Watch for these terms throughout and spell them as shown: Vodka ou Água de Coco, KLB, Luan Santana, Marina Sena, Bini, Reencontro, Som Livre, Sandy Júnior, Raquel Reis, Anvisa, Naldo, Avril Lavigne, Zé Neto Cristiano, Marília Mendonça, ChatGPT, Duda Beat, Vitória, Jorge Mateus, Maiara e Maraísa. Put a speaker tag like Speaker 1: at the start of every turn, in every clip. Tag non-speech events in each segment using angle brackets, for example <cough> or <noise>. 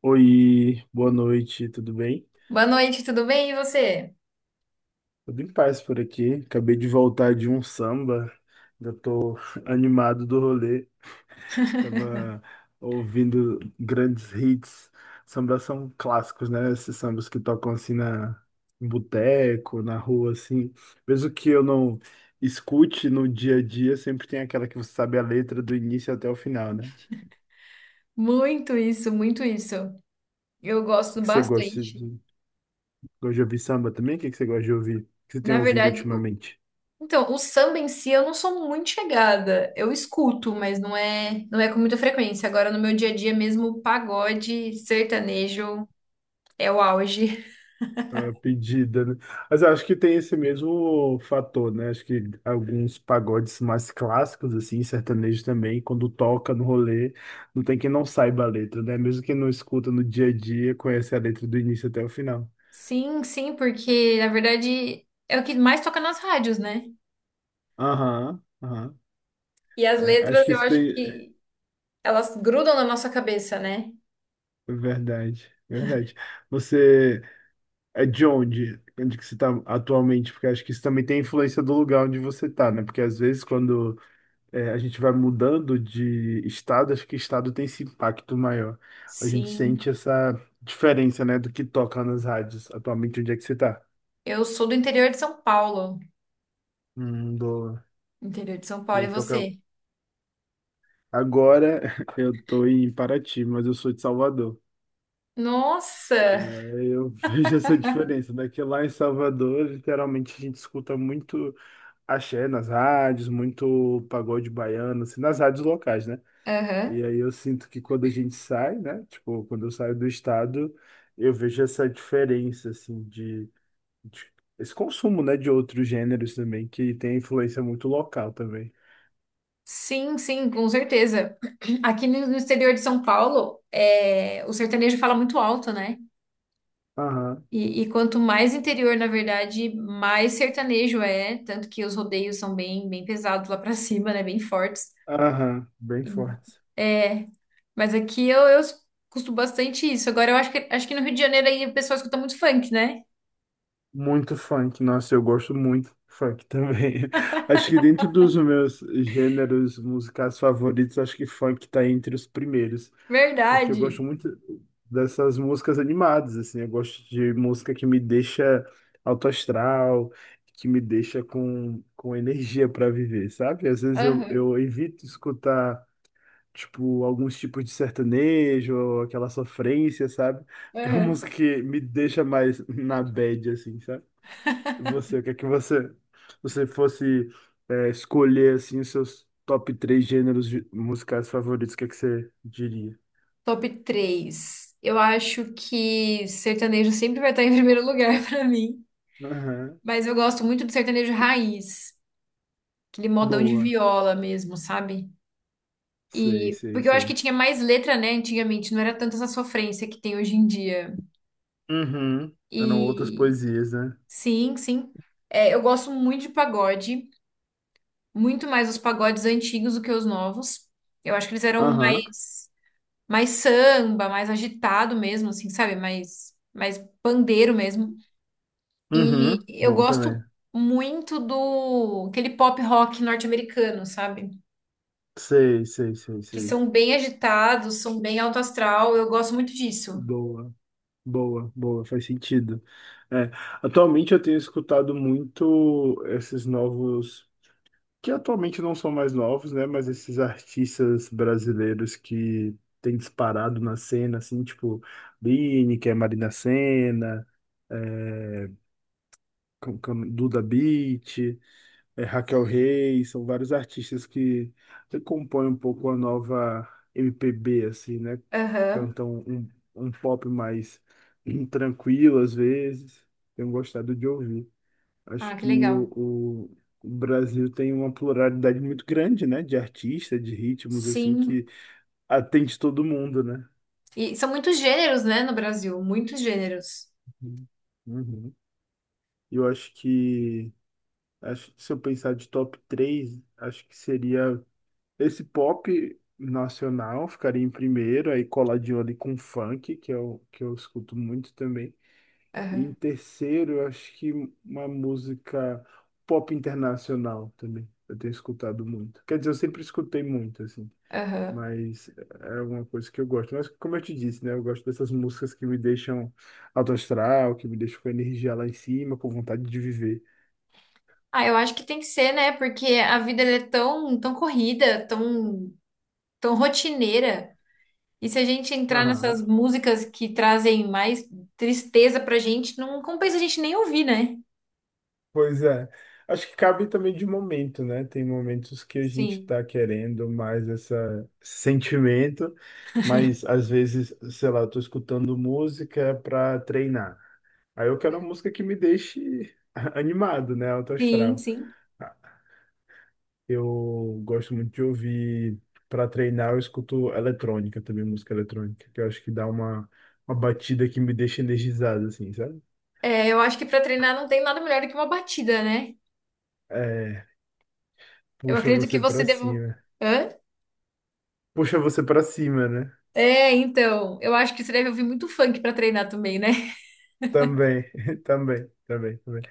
Speaker 1: Oi, boa noite, tudo bem?
Speaker 2: Boa noite, tudo bem? E você?
Speaker 1: Tudo em paz por aqui. Acabei de voltar de um samba, ainda tô <laughs> animado do rolê. Tava ouvindo grandes hits. Sambas são clássicos, né? Esses sambas que tocam assim na em boteco, na rua, assim. Mesmo que eu não escute no dia a dia, sempre tem aquela que você sabe a letra do início até o final, né?
Speaker 2: Muito isso, muito isso. Eu gosto
Speaker 1: O que você
Speaker 2: bastante.
Speaker 1: gosta de ouvir samba também? O que que você gosta de ouvir? O que você tem
Speaker 2: Na
Speaker 1: ouvido
Speaker 2: verdade,
Speaker 1: ultimamente?
Speaker 2: então, o samba em si eu não sou muito chegada. Eu escuto, mas não é com muita frequência. Agora, no meu dia a dia mesmo, pagode, sertanejo é o auge.
Speaker 1: A pedida, né? Mas eu acho que tem esse mesmo fator, né? Acho que alguns pagodes mais clássicos, assim, sertanejo também, quando toca no rolê, não tem quem não saiba a letra, né? Mesmo quem não escuta no dia a dia, conhece a letra do início até o final.
Speaker 2: Sim, sim, porque na verdade é o que mais toca nas rádios, né?
Speaker 1: Aham, aham.
Speaker 2: E as
Speaker 1: É, acho
Speaker 2: letras
Speaker 1: que
Speaker 2: eu
Speaker 1: isso
Speaker 2: acho
Speaker 1: tem.
Speaker 2: que elas grudam na nossa cabeça, né?
Speaker 1: Verdade, verdade. Você é de onde? Onde que você está atualmente? Porque acho que isso também tem influência do lugar onde você está, né? Porque às vezes quando é, a gente vai mudando de estado, acho que estado tem esse impacto maior. A gente
Speaker 2: Sim.
Speaker 1: sente essa diferença, né, do que toca nas rádios. Atualmente, onde é que você tá?
Speaker 2: Eu sou do interior de São Paulo.
Speaker 1: Do...
Speaker 2: Interior de São
Speaker 1: E
Speaker 2: Paulo, e
Speaker 1: aí toca...
Speaker 2: você?
Speaker 1: Agora <laughs> eu tô em Paraty, mas eu sou de Salvador. É,
Speaker 2: Nossa!
Speaker 1: eu <laughs> vejo essa diferença, né? Que lá em Salvador, literalmente, a gente escuta muito axé nas rádios, muito pagode baiano, assim, nas rádios locais, né?
Speaker 2: Aham.
Speaker 1: E aí eu sinto que quando a gente sai, né? Tipo, quando eu saio do estado, eu vejo essa diferença, assim, de, de- esse consumo, né, de outros gêneros também, que tem influência muito local também.
Speaker 2: Sim, sim, com certeza. <clears throat> Aqui no exterior de São Paulo, é, o sertanejo fala muito alto, né?
Speaker 1: Aham,
Speaker 2: E quanto mais interior, na verdade, mais sertanejo é. Tanto que os rodeios são bem, bem pesados lá pra <laughs> cima, né? Bem fortes.
Speaker 1: aham, bem
Speaker 2: E-
Speaker 1: forte.
Speaker 2: É, mas aqui eu escuto bastante isso. Agora eu acho que no Rio de Janeiro aí o pessoal escuta muito funk, né?
Speaker 1: Muito funk, nossa, eu gosto muito de funk também. <laughs> Acho que dentro dos meus gêneros musicais favoritos, acho que funk tá entre os primeiros, porque eu
Speaker 2: Verdade.
Speaker 1: gosto muito dessas músicas animadas, assim, eu gosto de música que me deixa alto astral, que me deixa com energia para viver, sabe? Às vezes eu,
Speaker 2: Aham,
Speaker 1: eu evito escutar, tipo, alguns tipos de sertanejo, aquela sofrência, sabe? <laughs> Que é uma
Speaker 2: aham.
Speaker 1: música que me deixa mais na bad, assim, sabe? Você, o que é que você, você fosse escolher assim os seus top três gêneros musicais favoritos, o que é que você diria?
Speaker 2: Top três. Eu acho que sertanejo sempre vai estar em primeiro lugar <laughs> pra mim.
Speaker 1: Aham.
Speaker 2: Mas eu gosto muito do sertanejo raiz, aquele modão de
Speaker 1: Boa.
Speaker 2: viola mesmo, sabe?
Speaker 1: Sei,
Speaker 2: E
Speaker 1: sei,
Speaker 2: porque eu acho que
Speaker 1: sei.
Speaker 2: tinha mais letra, né, antigamente, não era tanta essa sofrência que tem hoje em dia.
Speaker 1: Uhum. Eram outras
Speaker 2: E
Speaker 1: poesias, né?
Speaker 2: sim, sim. É, eu gosto muito de pagode, muito mais os pagodes antigos do que os novos. Eu acho que eles eram
Speaker 1: Aham.
Speaker 2: mais samba, mais agitado mesmo, assim, sabe? Mais pandeiro mesmo. E
Speaker 1: Uhum.
Speaker 2: eu
Speaker 1: Bom também.
Speaker 2: gosto muito do aquele pop rock norte-americano, sabe?
Speaker 1: Sei, sei, sei,
Speaker 2: Que
Speaker 1: sei.
Speaker 2: são bem agitados, são bem alto astral. Eu gosto muito disso.
Speaker 1: Boa, boa, boa, faz sentido. É, atualmente eu tenho escutado muito esses novos que atualmente não são mais novos, né? Mas esses artistas brasileiros que têm disparado na cena, assim, tipo Bini, que é Marina Sena, é, com Duda Beat, é, Raquel Reis, são vários artistas que compõem um pouco a nova MPB, assim, né?
Speaker 2: Aham.
Speaker 1: Cantam um, um pop mais tranquilo às vezes. Tenho gostado de ouvir. Acho
Speaker 2: Ah, que
Speaker 1: que o,
Speaker 2: legal.
Speaker 1: o Brasil tem uma pluralidade muito grande, né? De artistas, de ritmos, assim, que
Speaker 2: Sim.
Speaker 1: atende todo mundo, né?
Speaker 2: E são muitos gêneros, né, no Brasil, muitos gêneros.
Speaker 1: Uhum. Uhum. Eu acho que se eu pensar de top 3, acho que seria esse pop nacional, ficaria em primeiro, aí coladinho ali com funk, que é o que eu escuto muito também. E em
Speaker 2: Aham.
Speaker 1: terceiro, eu acho que uma música pop internacional também. Eu tenho escutado muito. Quer dizer, eu sempre escutei muito, assim.
Speaker 2: Aham.
Speaker 1: Mas é uma coisa que eu gosto. Mas como eu te disse, né? Eu gosto dessas músicas que me deixam alto astral, que me deixam com energia lá em cima, com vontade de viver.
Speaker 2: Ah, eu acho que tem que ser, né? Porque a vida ela é tão, tão corrida, tão, tão rotineira. E se a gente entrar
Speaker 1: Aham.
Speaker 2: nessas músicas que trazem mais tristeza pra gente, não compensa a gente nem ouvir, né?
Speaker 1: Pois é. Acho que cabe também de momento, né? Tem momentos que a gente
Speaker 2: Sim.
Speaker 1: tá querendo mais esse sentimento, mas às vezes, sei lá, eu tô escutando música pra treinar. Aí eu quero uma música que me deixe <laughs> animado, né? Alto
Speaker 2: Sim,
Speaker 1: astral.
Speaker 2: sim.
Speaker 1: Eu gosto muito de ouvir para treinar, eu escuto eletrônica também, música eletrônica, que eu acho que dá uma batida que me deixa energizado, assim, sabe?
Speaker 2: É, eu acho que para treinar não tem nada melhor do que uma batida, né?
Speaker 1: É,
Speaker 2: Eu
Speaker 1: puxa
Speaker 2: acredito que
Speaker 1: você
Speaker 2: você
Speaker 1: para
Speaker 2: deve.
Speaker 1: cima.
Speaker 2: Hã?
Speaker 1: Puxa você para cima, né?
Speaker 2: É, então. Eu acho que você deve ouvir muito funk para treinar também, né? <laughs>
Speaker 1: Também, <laughs> também, também, também.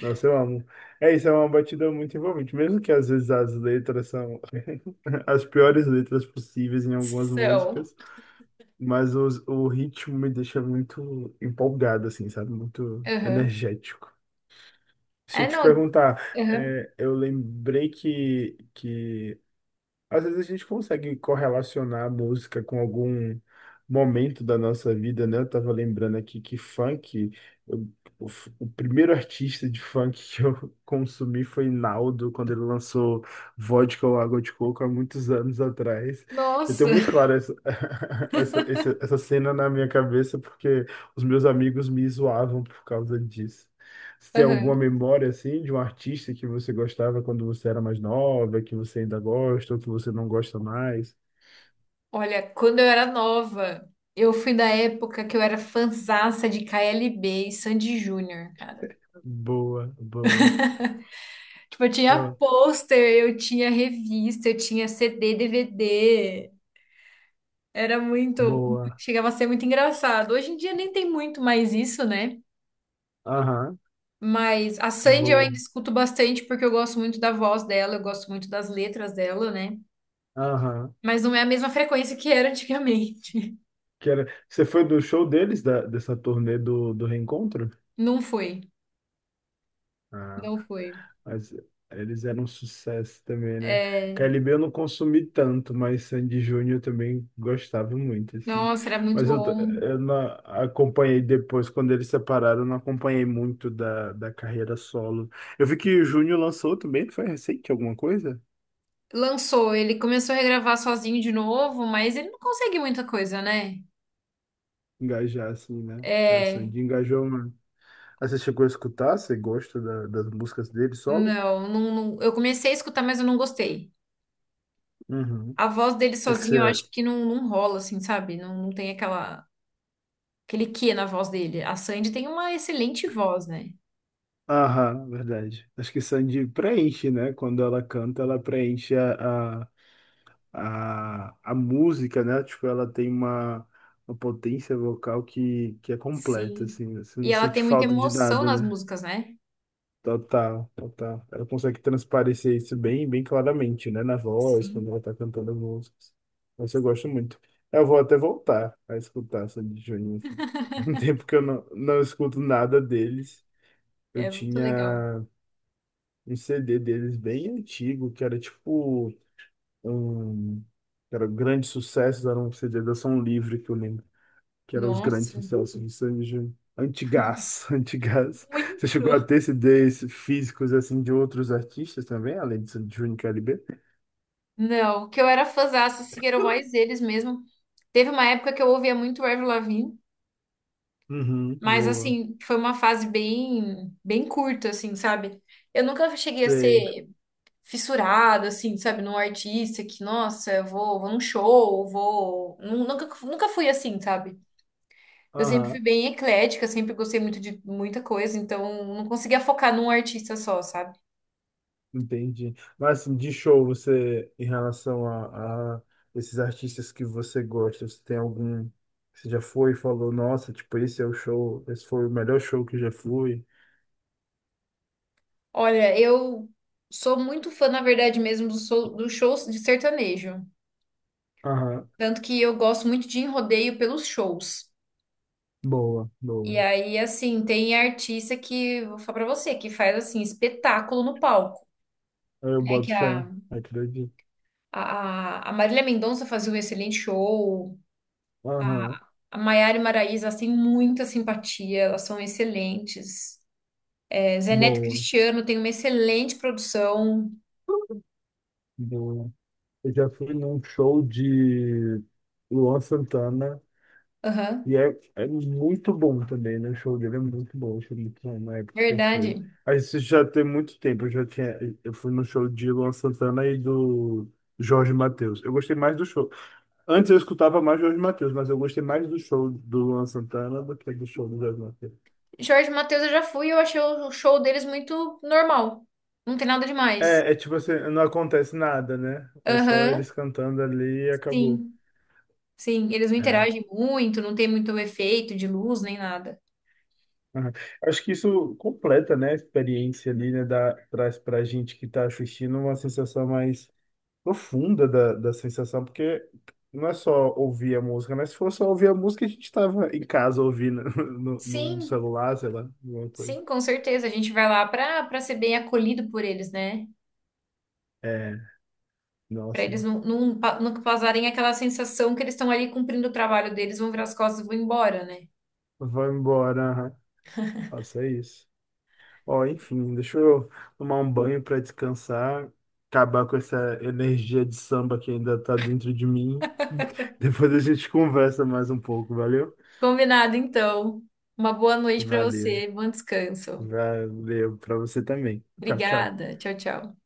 Speaker 1: Nossa, eu amo. É isso, é uma batida muito envolvente, mesmo que às vezes as letras são <laughs> as piores letras possíveis em algumas
Speaker 2: São.
Speaker 1: músicas, mas os, o ritmo me deixa muito empolgado, assim, sabe? Muito
Speaker 2: Aham.
Speaker 1: energético. Se eu
Speaker 2: É,
Speaker 1: te
Speaker 2: não.
Speaker 1: perguntar,
Speaker 2: Aham.
Speaker 1: é, eu lembrei que às vezes a gente consegue correlacionar a música com algum momento da nossa vida, né? Eu tava lembrando aqui que funk, eu- o, o primeiro artista de funk que eu <laughs> consumi foi Naldo, quando ele lançou Vodka ou Água de Coco há muitos anos atrás. Eu
Speaker 2: Nossa.
Speaker 1: tenho muito claro essa, <laughs> essa, essa cena na minha cabeça, porque os meus amigos me zoavam por causa disso. Você tem alguma
Speaker 2: Aham.
Speaker 1: memória assim de um artista que você gostava quando você era mais nova, que você ainda gosta ou que você não gosta mais?
Speaker 2: Olha, quando eu era nova, eu fui da época que eu era fanzaça de KLB e Sandy Júnior, cara.
Speaker 1: Boa, boa,
Speaker 2: Tipo, eu tinha
Speaker 1: ah,
Speaker 2: pôster, eu tinha revista, eu tinha CD, DVD. Era muito,
Speaker 1: boa,
Speaker 2: chegava a ser muito engraçado. Hoje em dia nem tem muito mais isso, né?
Speaker 1: aham,
Speaker 2: Mas a Sandy eu
Speaker 1: boa,
Speaker 2: ainda escuto bastante porque eu gosto muito da voz dela, eu gosto muito das letras dela, né?
Speaker 1: aham.
Speaker 2: Mas não é a mesma frequência que era antigamente.
Speaker 1: Que era... Você foi do show deles, da, dessa turnê do, do Reencontro?
Speaker 2: <laughs> Não foi,
Speaker 1: Ah.
Speaker 2: não foi.
Speaker 1: Mas eles eram um sucesso também, né?
Speaker 2: É,
Speaker 1: KLB eu não consumi tanto, mas Sandy Júnior eu também gostava muito, assim.
Speaker 2: nossa, era muito
Speaker 1: Mas
Speaker 2: bom.
Speaker 1: eu não acompanhei depois, quando eles separaram, eu não acompanhei muito da, da carreira solo. Eu vi que o Júnior lançou também, foi recente alguma coisa?
Speaker 2: Lançou, ele começou a regravar sozinho de novo, mas ele não consegue muita coisa, né?
Speaker 1: Engajar, assim, né? É,
Speaker 2: É,
Speaker 1: Sandy engajou, mano. Ah, você chegou a escutar? Você gosta da- das músicas dele solo?
Speaker 2: eu comecei a escutar, mas eu não gostei.
Speaker 1: Uhum. O
Speaker 2: A voz dele
Speaker 1: que que você
Speaker 2: sozinho, eu acho que não, não rola, assim, sabe? Não, não tem aquela aquele quê na voz dele. A Sandy tem uma excelente voz, né?
Speaker 1: aham, verdade. Acho que Sandy preenche, né? Quando ela canta, ela preenche a música, né? Tipo, ela tem uma potência vocal que é completa,
Speaker 2: Sim,
Speaker 1: assim. Você não
Speaker 2: e ela
Speaker 1: sente
Speaker 2: tem muita
Speaker 1: falta de
Speaker 2: emoção
Speaker 1: nada,
Speaker 2: nas
Speaker 1: né?
Speaker 2: músicas, né?
Speaker 1: Total, total. Ela consegue transparecer isso bem, bem claramente, né? Na voz,
Speaker 2: Sim.
Speaker 1: quando ela tá cantando as músicas. Mas eu gosto muito. Eu vou até voltar a escutar Sandy e Juninho. Assim. <laughs> Tem um tempo que eu não, não escuto nada deles. Eu
Speaker 2: É muito legal.
Speaker 1: tinha. Um CD deles bem antigo, que era tipo um, que era grande sucesso, era um CD da Som Livre que eu lembro, que era os grandes
Speaker 2: Nossa.
Speaker 1: sucessos de Sanji. Antigás, <laughs> antigás. Você
Speaker 2: Muito.
Speaker 1: chegou a ter CDs físicos assim de outros artistas também, além de Júnior e KLB?
Speaker 2: Não, que eu era fãzaça, assim, eram mais eles mesmo. Teve uma época que eu ouvia muito o Avril Lavigne,
Speaker 1: Uhum,
Speaker 2: mas
Speaker 1: boa.
Speaker 2: assim, foi uma fase bem, bem curta, assim, sabe? Eu nunca cheguei a
Speaker 1: Sei.
Speaker 2: ser fissurada, assim, sabe, num artista que, nossa, eu vou, vou num show, vou. Nunca, nunca fui assim, sabe? Eu sempre fui
Speaker 1: Aham.
Speaker 2: bem eclética, sempre gostei muito de muita coisa, então não conseguia focar num artista só, sabe?
Speaker 1: Entendi. Mas assim, de show, você, em relação a esses artistas que você gosta, você tem algum que você já foi e falou, nossa, tipo, esse é o show, esse foi o melhor show que eu já fui.
Speaker 2: Olha, eu sou muito fã, na verdade mesmo, dos shows de sertanejo.
Speaker 1: Aham,
Speaker 2: Tanto que eu gosto muito de ir em rodeio pelos shows.
Speaker 1: boa, boa.
Speaker 2: E aí, assim, tem artista que, vou falar pra você, que faz, assim, espetáculo no palco.
Speaker 1: Eu
Speaker 2: É que
Speaker 1: boto
Speaker 2: a,
Speaker 1: fé, acredito.
Speaker 2: a, a Marília Mendonça fazia um excelente show,
Speaker 1: Aham,
Speaker 2: a a Maiara e Maraísa, elas têm muita simpatia, elas são excelentes. Zé Neto
Speaker 1: boa,
Speaker 2: Cristiano tem uma excelente produção.
Speaker 1: boa. Eu já fui num show de Luan Santana.
Speaker 2: Aham,
Speaker 1: E é, é muito bom também, né? O show dele é muito bom, o show muito bom na época que foi.
Speaker 2: verdade.
Speaker 1: Aí isso já tem muito tempo, eu já tinha. Eu fui no show de Luan Santana e do Jorge Mateus. Eu gostei mais do show. Antes eu escutava mais Jorge Mateus, mas eu gostei mais do show do Luan Santana do que do show do Jorge Mateus.
Speaker 2: Jorge Mateus eu já fui, e eu achei o show deles muito normal. Não tem nada demais.
Speaker 1: É, é tipo assim, não acontece nada, né? É só
Speaker 2: Aham,
Speaker 1: eles cantando ali e acabou.
Speaker 2: sim. Sim, eles não
Speaker 1: É.
Speaker 2: interagem muito, não tem muito efeito de luz nem nada.
Speaker 1: Aham. Acho que isso completa, né, a experiência ali, né, dá, traz pra gente que tá assistindo uma sensação mais profunda da, da sensação, porque não é só ouvir a música, né? Se fosse só ouvir a música, a gente estava em casa ouvindo <laughs> no, no
Speaker 2: Sim,
Speaker 1: celular, sei lá, alguma coisa.
Speaker 2: sim, com certeza. A gente vai lá para ser bem acolhido por eles, né?
Speaker 1: É,
Speaker 2: Para
Speaker 1: nossa,
Speaker 2: eles não causarem aquela sensação que eles estão ali cumprindo o trabalho deles, vão virar as costas e vão embora, né?
Speaker 1: vai embora, aham. Nossa, é isso. Ó, enfim, deixa eu tomar um banho para descansar, acabar com essa energia de samba que ainda tá dentro de mim. <laughs> Depois a gente conversa mais um pouco, valeu?
Speaker 2: Combinado, então. Uma boa noite para
Speaker 1: Valeu.
Speaker 2: você, bom descanso.
Speaker 1: Valeu para você também. Tchau, tchau.
Speaker 2: Obrigada. Tchau, tchau.